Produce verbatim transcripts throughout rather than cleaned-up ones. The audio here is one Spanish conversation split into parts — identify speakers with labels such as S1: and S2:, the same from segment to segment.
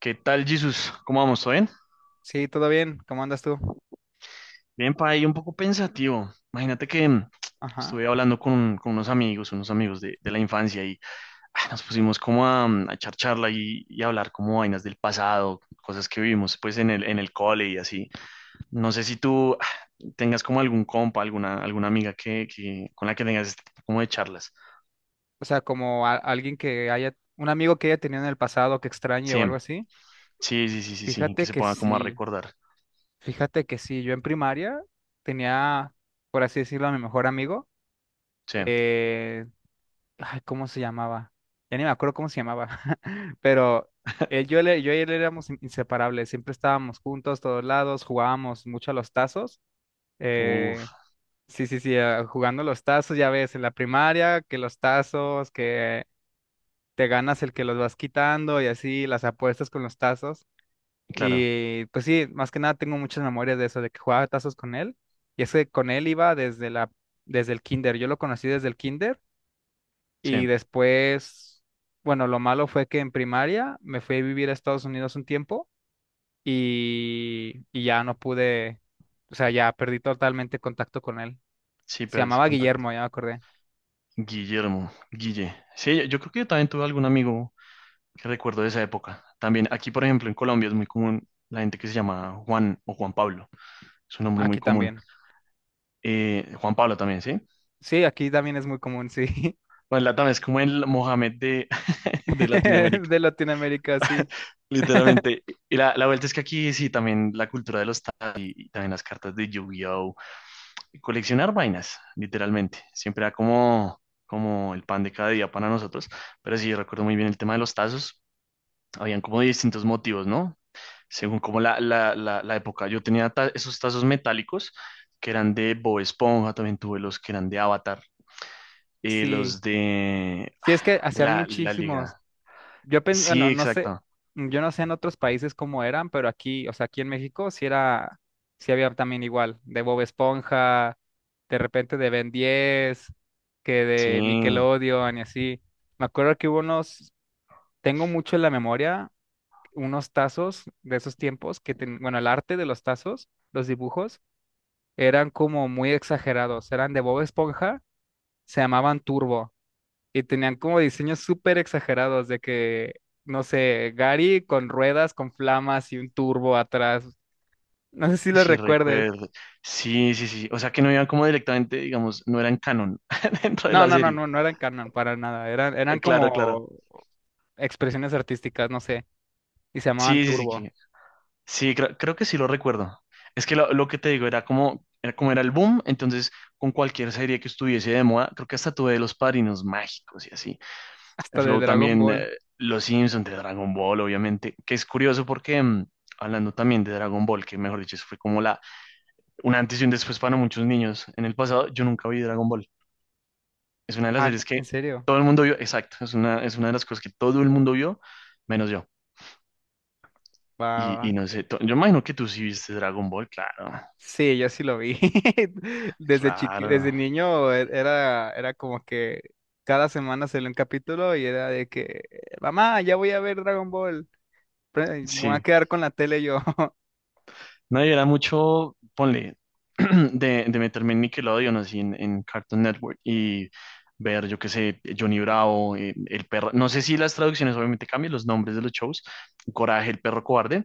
S1: ¿Qué tal, Jesús? ¿Cómo vamos? ¿Todo bien?
S2: Sí, todo bien. ¿Cómo andas tú?
S1: Bien, pa, ahí un poco pensativo. Imagínate que mm,
S2: Ajá.
S1: estuve hablando con, con unos amigos, unos amigos de, de la infancia y ah, nos pusimos como a, mm, a echar charla y, y hablar como vainas del pasado, cosas que vivimos pues en el, en el cole y así. No sé si tú ah, tengas como algún compa, alguna, alguna amiga que, que, con la que tengas este tipo como de charlas.
S2: O sea, como a- alguien que haya, un amigo que haya tenido en el pasado que extrañe
S1: Sí,
S2: o algo así.
S1: sí, sí, sí, sí, sí, que
S2: Fíjate
S1: se
S2: que
S1: ponga como a
S2: sí,
S1: recordar.
S2: fíjate que sí. Yo en primaria tenía, por así decirlo, a mi mejor amigo.
S1: Sí,
S2: Eh, ay, ¿cómo se llamaba? Ya ni me acuerdo cómo se llamaba. Pero él, yo, le- yo y él éramos in- inseparables. Siempre estábamos juntos, todos lados, jugábamos mucho a los tazos. Eh,
S1: uff,
S2: Sí, sí, sí, ah, jugando los tazos, ya ves, en la primaria, que los tazos, que te ganas el que los vas quitando y así las apuestas con los tazos.
S1: claro,
S2: Y pues sí, más que nada tengo muchas memorias de eso, de que jugaba tazos con él. Y es que con él iba desde la, desde el kinder. Yo lo conocí desde el kinder
S1: sí,
S2: y después, bueno, lo malo fue que en primaria me fui a vivir a Estados Unidos un tiempo y, y ya no pude, o sea, ya perdí totalmente contacto con él.
S1: sí,
S2: Se
S1: pero ese
S2: llamaba Guillermo, ya me acordé.
S1: Guillermo, Guille. Sí, yo creo que yo también tuve algún amigo que recuerdo de esa época. También aquí, por ejemplo, en Colombia es muy común la gente que se llama Juan o Juan Pablo. Es un nombre muy
S2: Aquí
S1: común.
S2: también.
S1: Eh, Juan Pablo también, ¿sí?
S2: Sí, aquí también es muy común, sí.
S1: Bueno, la también es como el Mohamed de, de Latinoamérica,
S2: De Latinoamérica, sí.
S1: literalmente. Y la, la vuelta es que aquí sí, también la cultura de los tazos y, y también las cartas de Yu-Gi-Oh! Coleccionar vainas, literalmente. Siempre era como, como el pan de cada día para nosotros. Pero sí, recuerdo muy bien el tema de los tazos. Habían como distintos motivos, ¿no? Según como la, la, la, la época. Yo tenía ta- esos tazos metálicos que eran de Bob Esponja, también tuve los que eran de Avatar, eh, los
S2: Sí,
S1: de,
S2: sí es que
S1: de
S2: hacían
S1: la, la
S2: muchísimos.
S1: Liga.
S2: Yo pen-
S1: Sí,
S2: bueno, no sé,
S1: exacto.
S2: mm, yo no sé en otros países cómo eran, pero aquí, o sea, aquí en México sí era, sí había también igual, de Bob Esponja, de repente de Ben diez, que
S1: Sí,
S2: de Nickelodeon y así. Me acuerdo que hubo unos, tengo mucho en la memoria, unos tazos de esos tiempos que, ten- bueno, el arte de los tazos, los dibujos, eran como muy exagerados, eran de Bob Esponja, se llamaban Turbo. Y tenían como diseños súper exagerados de que, no sé, Gary con ruedas, con flamas y un turbo atrás. No sé si
S1: que
S2: lo
S1: sí
S2: recuerdes.
S1: recuerdo. Sí, sí, sí. O sea que no iban como directamente, digamos, no eran canon dentro de
S2: No,
S1: la
S2: no, no,
S1: serie.
S2: no, no eran canon para nada. Eran, eran
S1: Eh, Claro, claro.
S2: como expresiones artísticas, no sé. Y se llamaban
S1: Sí, sí, sí,
S2: turbo.
S1: que sí, creo, creo que sí lo recuerdo. Es que lo, lo que te digo era como, era como era el boom, entonces con cualquier serie que estuviese de moda, creo que hasta tuve de los Padrinos Mágicos y así. El
S2: Hasta de
S1: Flow
S2: Dragon
S1: también,
S2: Ball.
S1: eh, Los Simpsons de Dragon Ball, obviamente, que es curioso porque mm, hablando también de Dragon Ball, que mejor dicho, eso fue como la, un antes y un después para muchos niños. En el pasado yo nunca vi Dragon Ball. Es una de las
S2: Ah,
S1: series
S2: ¿en
S1: que
S2: serio?
S1: todo el mundo vio, exacto, es una, es una de las cosas que todo el mundo vio, menos yo.
S2: Va, va, va.
S1: Y, y no sé, to- yo imagino que tú sí viste Dragon Ball, claro,
S2: Sí, yo sí lo vi. Desde chiqui,
S1: claro.
S2: desde niño e- era, era como que cada semana salió un capítulo y era de que, mamá, ya voy a ver Dragon Ball. Pre- Voy a
S1: Sí,
S2: quedar con la tele yo.
S1: no, yo era mucho, ponle, de, de meterme en Nickelodeon, así en, en Cartoon Network y ver, yo qué sé, Johnny Bravo, eh, el perro, no sé si las traducciones obviamente cambian los nombres de los shows, Coraje, el perro cobarde,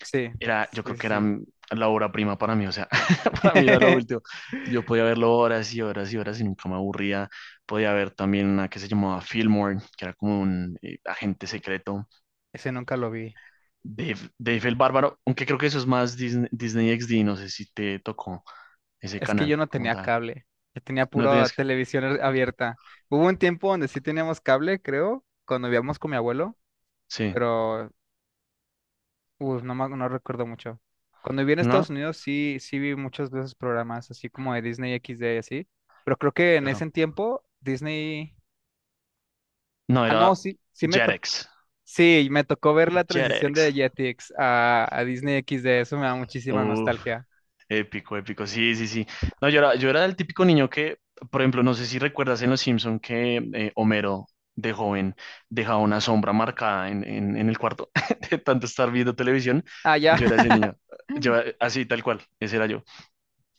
S2: Sí,
S1: era, yo
S2: sí,
S1: creo que era
S2: sí.
S1: mm, la obra prima para mí, o sea, para mí era lo último, yo podía verlo horas y horas y horas y nunca me aburría, podía ver también una que se llamaba Fillmore, que era como un eh, agente secreto,
S2: Ese nunca lo vi.
S1: Dave, Dave el Bárbaro, aunque creo que eso es más Disney, Disney X D, no sé si te tocó ese
S2: Es que yo
S1: canal
S2: no
S1: como
S2: tenía
S1: tal.
S2: cable. Yo tenía
S1: No
S2: pura
S1: tenías que...
S2: televisión a- abierta. Hubo un tiempo donde sí teníamos cable, creo, cuando vivíamos con mi abuelo,
S1: Sí,
S2: pero uf, no, me- no recuerdo mucho. Cuando viví en Estados
S1: ¿no?
S2: Unidos sí, sí vi muchos de esos programas, así como de Disney X D y así. Pero creo que en
S1: Claro.
S2: ese tiempo Disney...
S1: No,
S2: Ah, no,
S1: era
S2: sí, sí me
S1: Jetix.
S2: Sí, me tocó ver la transición
S1: Jetix.
S2: de Jetix a, a Disney X D, eso me da muchísima
S1: Uf,
S2: nostalgia.
S1: épico, épico. Sí, sí, sí. No, yo era, yo era el típico niño que, por ejemplo, no sé si recuerdas en Los Simpson que eh, Homero de joven dejaba una sombra marcada en, en, en el cuarto de tanto estar viendo televisión.
S2: Ah, ya.
S1: Yo era ese niño. Yo, así, tal cual. Ese era yo.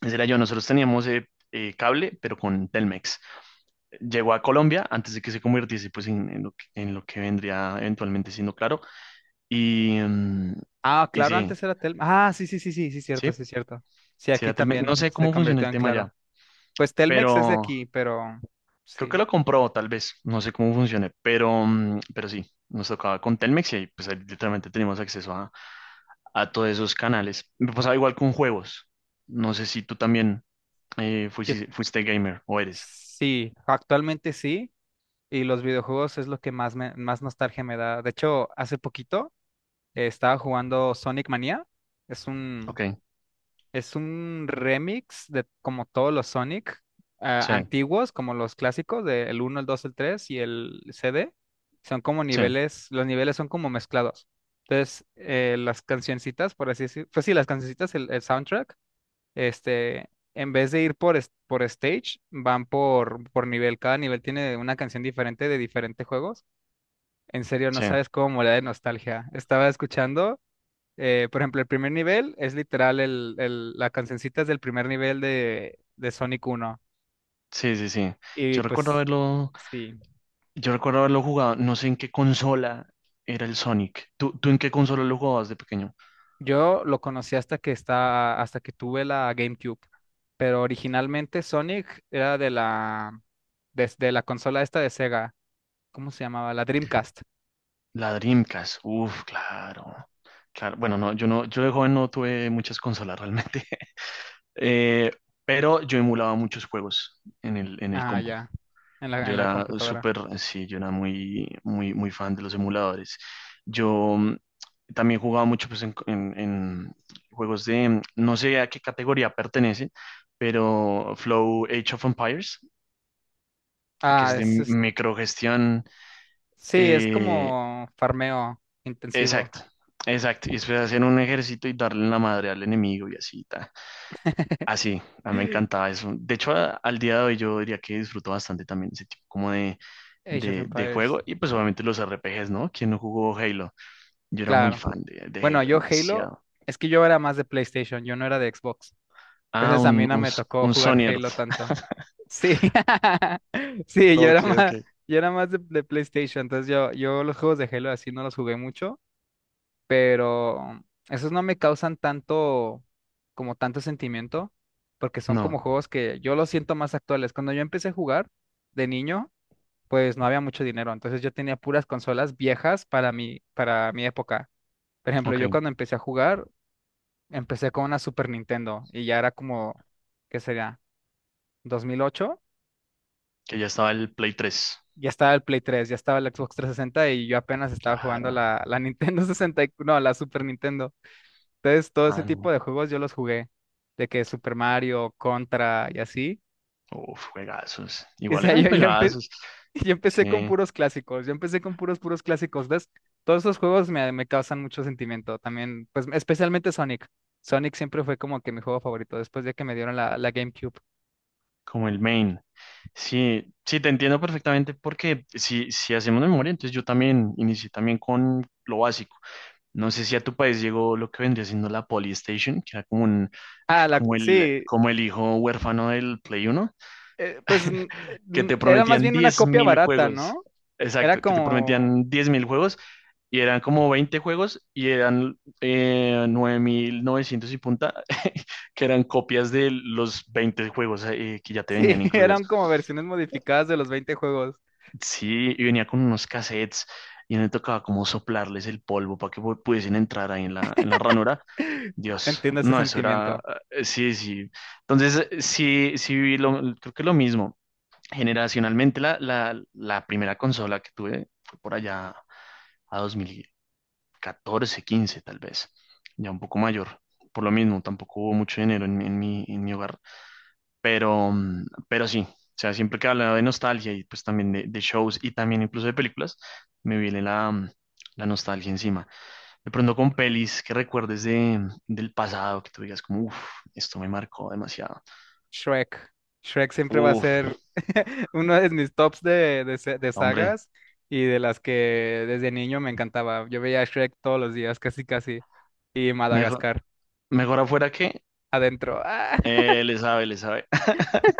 S1: Ese era yo. Nosotros teníamos eh, eh, cable, pero con Telmex. Llegó a Colombia antes de que se convirtiese pues, en, en lo que, en lo que vendría eventualmente siendo claro. Y, mm,
S2: Ah,
S1: y
S2: claro,
S1: sí,
S2: antes era Telmex. Ah, sí, sí, sí, sí, sí, cierto,
S1: sí,
S2: sí, cierto. Sí,
S1: sí
S2: aquí
S1: era Telmex. No
S2: también
S1: sé
S2: se
S1: cómo funciona
S2: convirtió
S1: el
S2: en
S1: tema
S2: claro.
S1: ya,
S2: Pues Telmex es de
S1: pero
S2: aquí, pero
S1: creo que
S2: sí.
S1: lo compró tal vez. No sé cómo funcione, pero, mm, pero sí, nos tocaba con Telmex y ahí, pues, ahí literalmente teníamos acceso a, a todos esos canales. Me pasaba igual con juegos. No sé si tú también eh,
S2: Yo-
S1: fuisi- fuiste, gamer o eres.
S2: sí, actualmente sí. Y los videojuegos es lo que más me, más nostalgia me da. De hecho, hace poquito eh, estaba jugando Sonic Mania. Es
S1: Ok,
S2: un Es un remix de como todos los Sonic ah,
S1: sí,
S2: antiguos, como los clásicos, del uno el dos el tres y el C D. Son como
S1: sí.
S2: niveles, los niveles son como mezclados. Entonces, eh, las cancioncitas, por así decir, pues sí, las cancioncitas, el, el soundtrack, este, en vez de ir por, es- por stage, van por, por nivel. Cada nivel tiene una canción diferente de diferentes juegos. En serio, no
S1: Sí,
S2: sabes cómo morir de nostalgia. Estaba escuchando. Eh, por ejemplo, el primer nivel es literal el, el, la cancioncita es del primer nivel de, de Sonic uno.
S1: sí, sí, sí.
S2: Y
S1: Yo recuerdo
S2: pues
S1: haberlo,
S2: sí,
S1: yo recuerdo haberlo jugado, no sé en qué consola era el Sonic. ¿Tú, tú en qué consola lo jugabas de pequeño?
S2: yo lo conocí hasta que está, hasta que tuve la GameCube. Pero originalmente Sonic era de la, desde la consola esta de Sega. ¿Cómo se llamaba? La Dreamcast.
S1: La Dreamcast. Uf, claro. Claro, bueno, no, yo no, yo de joven no tuve muchas consolas realmente. Eh, pero yo emulaba muchos juegos en el, en el
S2: Ah,
S1: compu.
S2: ya. En la,
S1: Yo
S2: en la
S1: era
S2: computadora.
S1: súper, sí, yo era muy, muy, muy fan de los emuladores. Yo mm, también jugaba mucho pues, en, en- en juegos de, mm, no sé a qué categoría pertenece, pero Flow Age of Empires, que
S2: Ah,
S1: es de
S2: es, es-
S1: microgestión.
S2: sí, es
S1: eh,
S2: como farmeo intensivo.
S1: exacto, exacto. Y después hacer un ejército y darle en la madre al enemigo y así. Ta. Así, a mí me encantaba eso. De hecho, a- al día de hoy yo diría que disfruto bastante también ese tipo como de,
S2: Age of
S1: de, de
S2: Empires.
S1: juego y pues obviamente los R P Gs, ¿no? ¿Quién no jugó Halo? Yo era muy
S2: Claro.
S1: fan de, de
S2: Bueno,
S1: Halo,
S2: yo Halo,
S1: demasiado.
S2: es que yo era más de PlayStation, yo no era de Xbox.
S1: Ah,
S2: Entonces a mí
S1: un,
S2: no
S1: un,
S2: me
S1: S-
S2: tocó
S1: un
S2: jugar
S1: Sony
S2: Halo
S1: Earth.
S2: tanto. Sí, sí, yo era
S1: Ok, ok.
S2: más, yo era más de, de PlayStation, entonces yo, yo los juegos de Halo así no los jugué mucho, pero esos no me causan tanto, como tanto sentimiento, porque son como
S1: No,
S2: juegos que yo los siento más actuales. Cuando yo empecé a jugar de niño, pues no había mucho dinero, entonces yo tenía puras consolas viejas para mi, para mi época. Por ejemplo,
S1: ok,
S2: yo cuando empecé a jugar Empecé con una Super Nintendo y ya era como, ¿qué sería? Dos mil ocho.
S1: que ya estaba el Play tres.
S2: Ya estaba el Play tres, ya estaba el Xbox trescientos sesenta y yo apenas estaba jugando
S1: Claro,
S2: la, la Nintendo sesenta y no, la Super Nintendo. Entonces, todo ese
S1: ah, no.
S2: tipo de juegos yo los jugué, de que Super Mario, Contra y así.
S1: Uf, juegazos.
S2: O
S1: Igual
S2: sea,
S1: eran
S2: yo, yo, empe-
S1: juegazos.
S2: yo empecé
S1: Sí,
S2: con puros clásicos, yo empecé con puros, puros clásicos, ¿ves? Todos esos juegos me, me causan mucho sentimiento también, pues especialmente Sonic. Sonic siempre fue como que mi juego favorito después de que me dieron la, la GameCube.
S1: como el main. Sí, sí, te entiendo perfectamente porque si, si hacemos memoria, entonces yo también inicié también con lo básico. No sé si a tu país llegó lo que vendría siendo la Polystation, que era como un, ah,
S2: Ah, la,
S1: como el,
S2: sí,
S1: como el hijo huérfano del Play Uno,
S2: eh, pues n- eh,
S1: que
S2: n-
S1: te
S2: era más
S1: prometían
S2: bien una
S1: diez
S2: copia
S1: mil
S2: barata,
S1: juegos.
S2: ¿no? Era
S1: Exacto, que te
S2: como,
S1: prometían diez mil juegos y eran como veinte juegos y eran eh, nueve mil novecientos y punta, que eran copias de los veinte juegos eh, que ya te
S2: sí,
S1: venían incluidos.
S2: eran como versiones modificadas de los veinte juegos.
S1: Sí, y venía con unos cassettes y me tocaba como soplarles el polvo para que pu- pudiesen entrar ahí en la, en la ranura. Dios,
S2: Entiendo ese
S1: no, eso era,
S2: sentimiento.
S1: eh, sí, sí. Entonces, eh, sí, sí viví lo, creo que lo mismo. Generacionalmente, la, la, la primera consola que tuve fue por allá a dos mil catorce, quince tal vez, ya un poco mayor. Por lo mismo, tampoco hubo mucho dinero en, mi, en mi en mi hogar. Pero, mm, pero sí, o sea, siempre que hablaba de nostalgia y pues también de, de shows y también incluso de películas, me viene la, mm, la nostalgia encima. De pronto con pelis que recuerdes de, mm, del pasado, que tú digas como, uff, esto me marcó demasiado.
S2: Shrek. Shrek siempre va a
S1: Uff,
S2: ser uno de mis tops de, de sa- de
S1: hombre,
S2: sagas y de las que desde niño me encantaba. Yo veía a Shrek todos los días, casi casi. Y
S1: mejor,
S2: Madagascar,
S1: mejor afuera que
S2: adentro. ¡Ah!
S1: eh, le sabe, le sabe.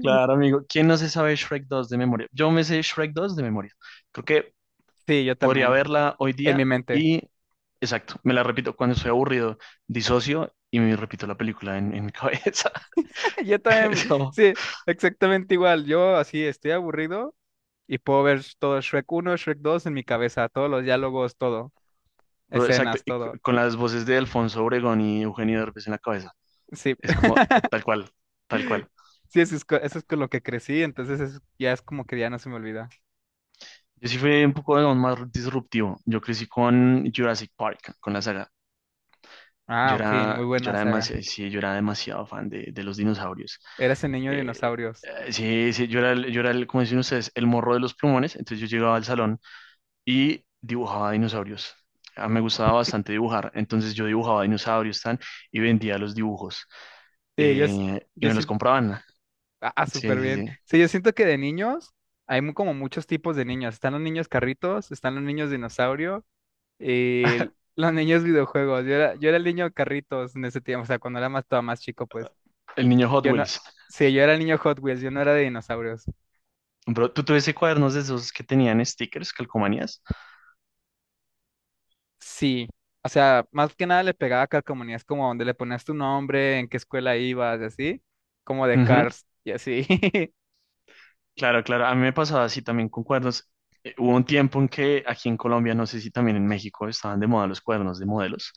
S1: Claro, amigo. ¿Quién no se sabe Shrek dos de memoria? Yo me sé Shrek dos de memoria. Creo que
S2: Sí, yo
S1: podría
S2: también,
S1: verla hoy
S2: en mi
S1: día
S2: mente.
S1: y, exacto, me la repito cuando estoy aburrido, disocio y me repito la película en, en mi cabeza.
S2: Yo también,
S1: Es,
S2: sí, exactamente igual. Yo así estoy aburrido y puedo ver todo Shrek uno Shrek dos en mi cabeza, todos los diálogos, todo,
S1: pero exacto,
S2: escenas,
S1: y c-
S2: todo.
S1: con las voces de Alfonso Obregón y Eugenio Derbez en la cabeza.
S2: Sí,
S1: Es como eh, tal cual, tal cual.
S2: sí, eso es, co- eso es con lo que crecí, entonces es- ya es como que ya no se me olvida.
S1: Yo sí fui un poco digamos, más disruptivo. Yo crecí con Jurassic Park, con la saga.
S2: Ah,
S1: Yo
S2: ok, muy
S1: era, yo
S2: buena
S1: era
S2: saga.
S1: demasiado, sí, yo era demasiado fan de, de los dinosaurios.
S2: Eras el niño de
S1: Eh,
S2: dinosaurios.
S1: eh, sí, sí, yo era, el- yo era el, como dicen ustedes, el morro de los plumones. Entonces yo llegaba al salón y dibujaba dinosaurios. Ah, me gustaba bastante dibujar. Entonces yo dibujaba dinosaurios tan, y vendía los dibujos.
S2: Sí, yo, s-
S1: Eh, y
S2: yo
S1: me los
S2: siento,
S1: compraban.
S2: ah,
S1: Sí,
S2: súper
S1: sí,
S2: bien.
S1: sí.
S2: Sí, yo siento que de niños hay mu- como muchos tipos de niños. Están los niños carritos, están los niños dinosaurio y los niños videojuegos. Yo era, yo era el niño carritos en ese tiempo, o sea, cuando era más, todavía más chico, pues.
S1: El niño Hot
S2: Yo no,
S1: Wheels.
S2: sí, yo era niño Hot Wheels, yo no era de dinosaurios.
S1: Bro, ¿tú tuviste cuadernos de esos que tenían stickers, calcomanías?
S2: Sí, o sea, más que nada le pegaba a calcomanías como donde le ponías tu nombre, en qué escuela ibas, y así, como de Cars, y así.
S1: Claro, claro, a mí me pasaba así también con cuernos. Eh, hubo un tiempo en que aquí en Colombia, no sé si también en México, estaban de moda los cuernos de modelos,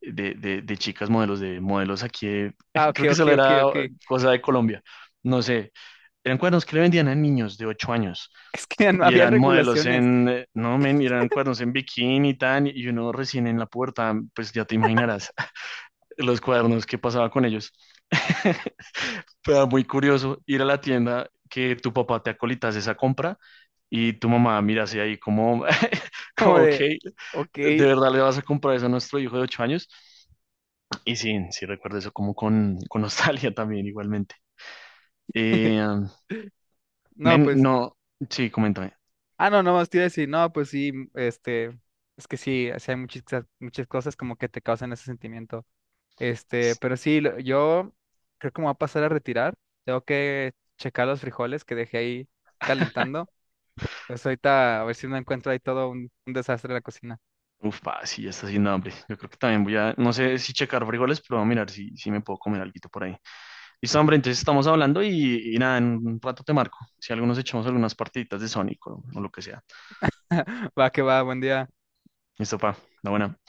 S1: de, de, de chicas modelos, de modelos aquí, de-
S2: Ah, ok,
S1: creo que
S2: ok,
S1: solo
S2: ok,
S1: era
S2: ok.
S1: eh, cosa de Colombia, no sé, eran cuernos que le vendían a niños de ocho años
S2: Es que no
S1: y
S2: había
S1: eran modelos
S2: regulaciones,
S1: en, eh, no, men, eran cuernos en bikini y tan, y uno recién en la puerta, pues ya te imaginarás los cuernos, qué pasaba con ellos. Pero muy curioso ir a la tienda que tu papá te acolitas esa compra y tu mamá mira así ahí como, como,
S2: como
S1: ok,
S2: de, ok,
S1: ¿de verdad le vas a comprar eso a nuestro hijo de ocho años? Y sí, sí recuerdo eso como con, con nostalgia también igualmente. Eh,
S2: no,
S1: men,
S2: pues,
S1: no, sí, coméntame.
S2: ah, no, no, más te iba a decir, no, pues sí, este, es que sí, o sea, hay muchas, muchas cosas como que te causan ese sentimiento. Este, pero sí, lo- yo creo que me voy a pasar a retirar. Tengo que checar los frijoles que dejé ahí calentando. Pues ahorita a ver si no encuentro ahí todo un, un desastre en la cocina.
S1: Uf, pa, sí, ya está haciendo hambre. Yo creo que también voy a, no sé si checar frijoles, pero voy a mirar si, si me puedo comer alguito por ahí. Listo, hombre, entonces estamos hablando y, y nada, en un rato te marco. Si algunos echamos algunas partiditas de Sonic o o lo que sea.
S2: Va que va, buen día.
S1: Eso, pa, la buena.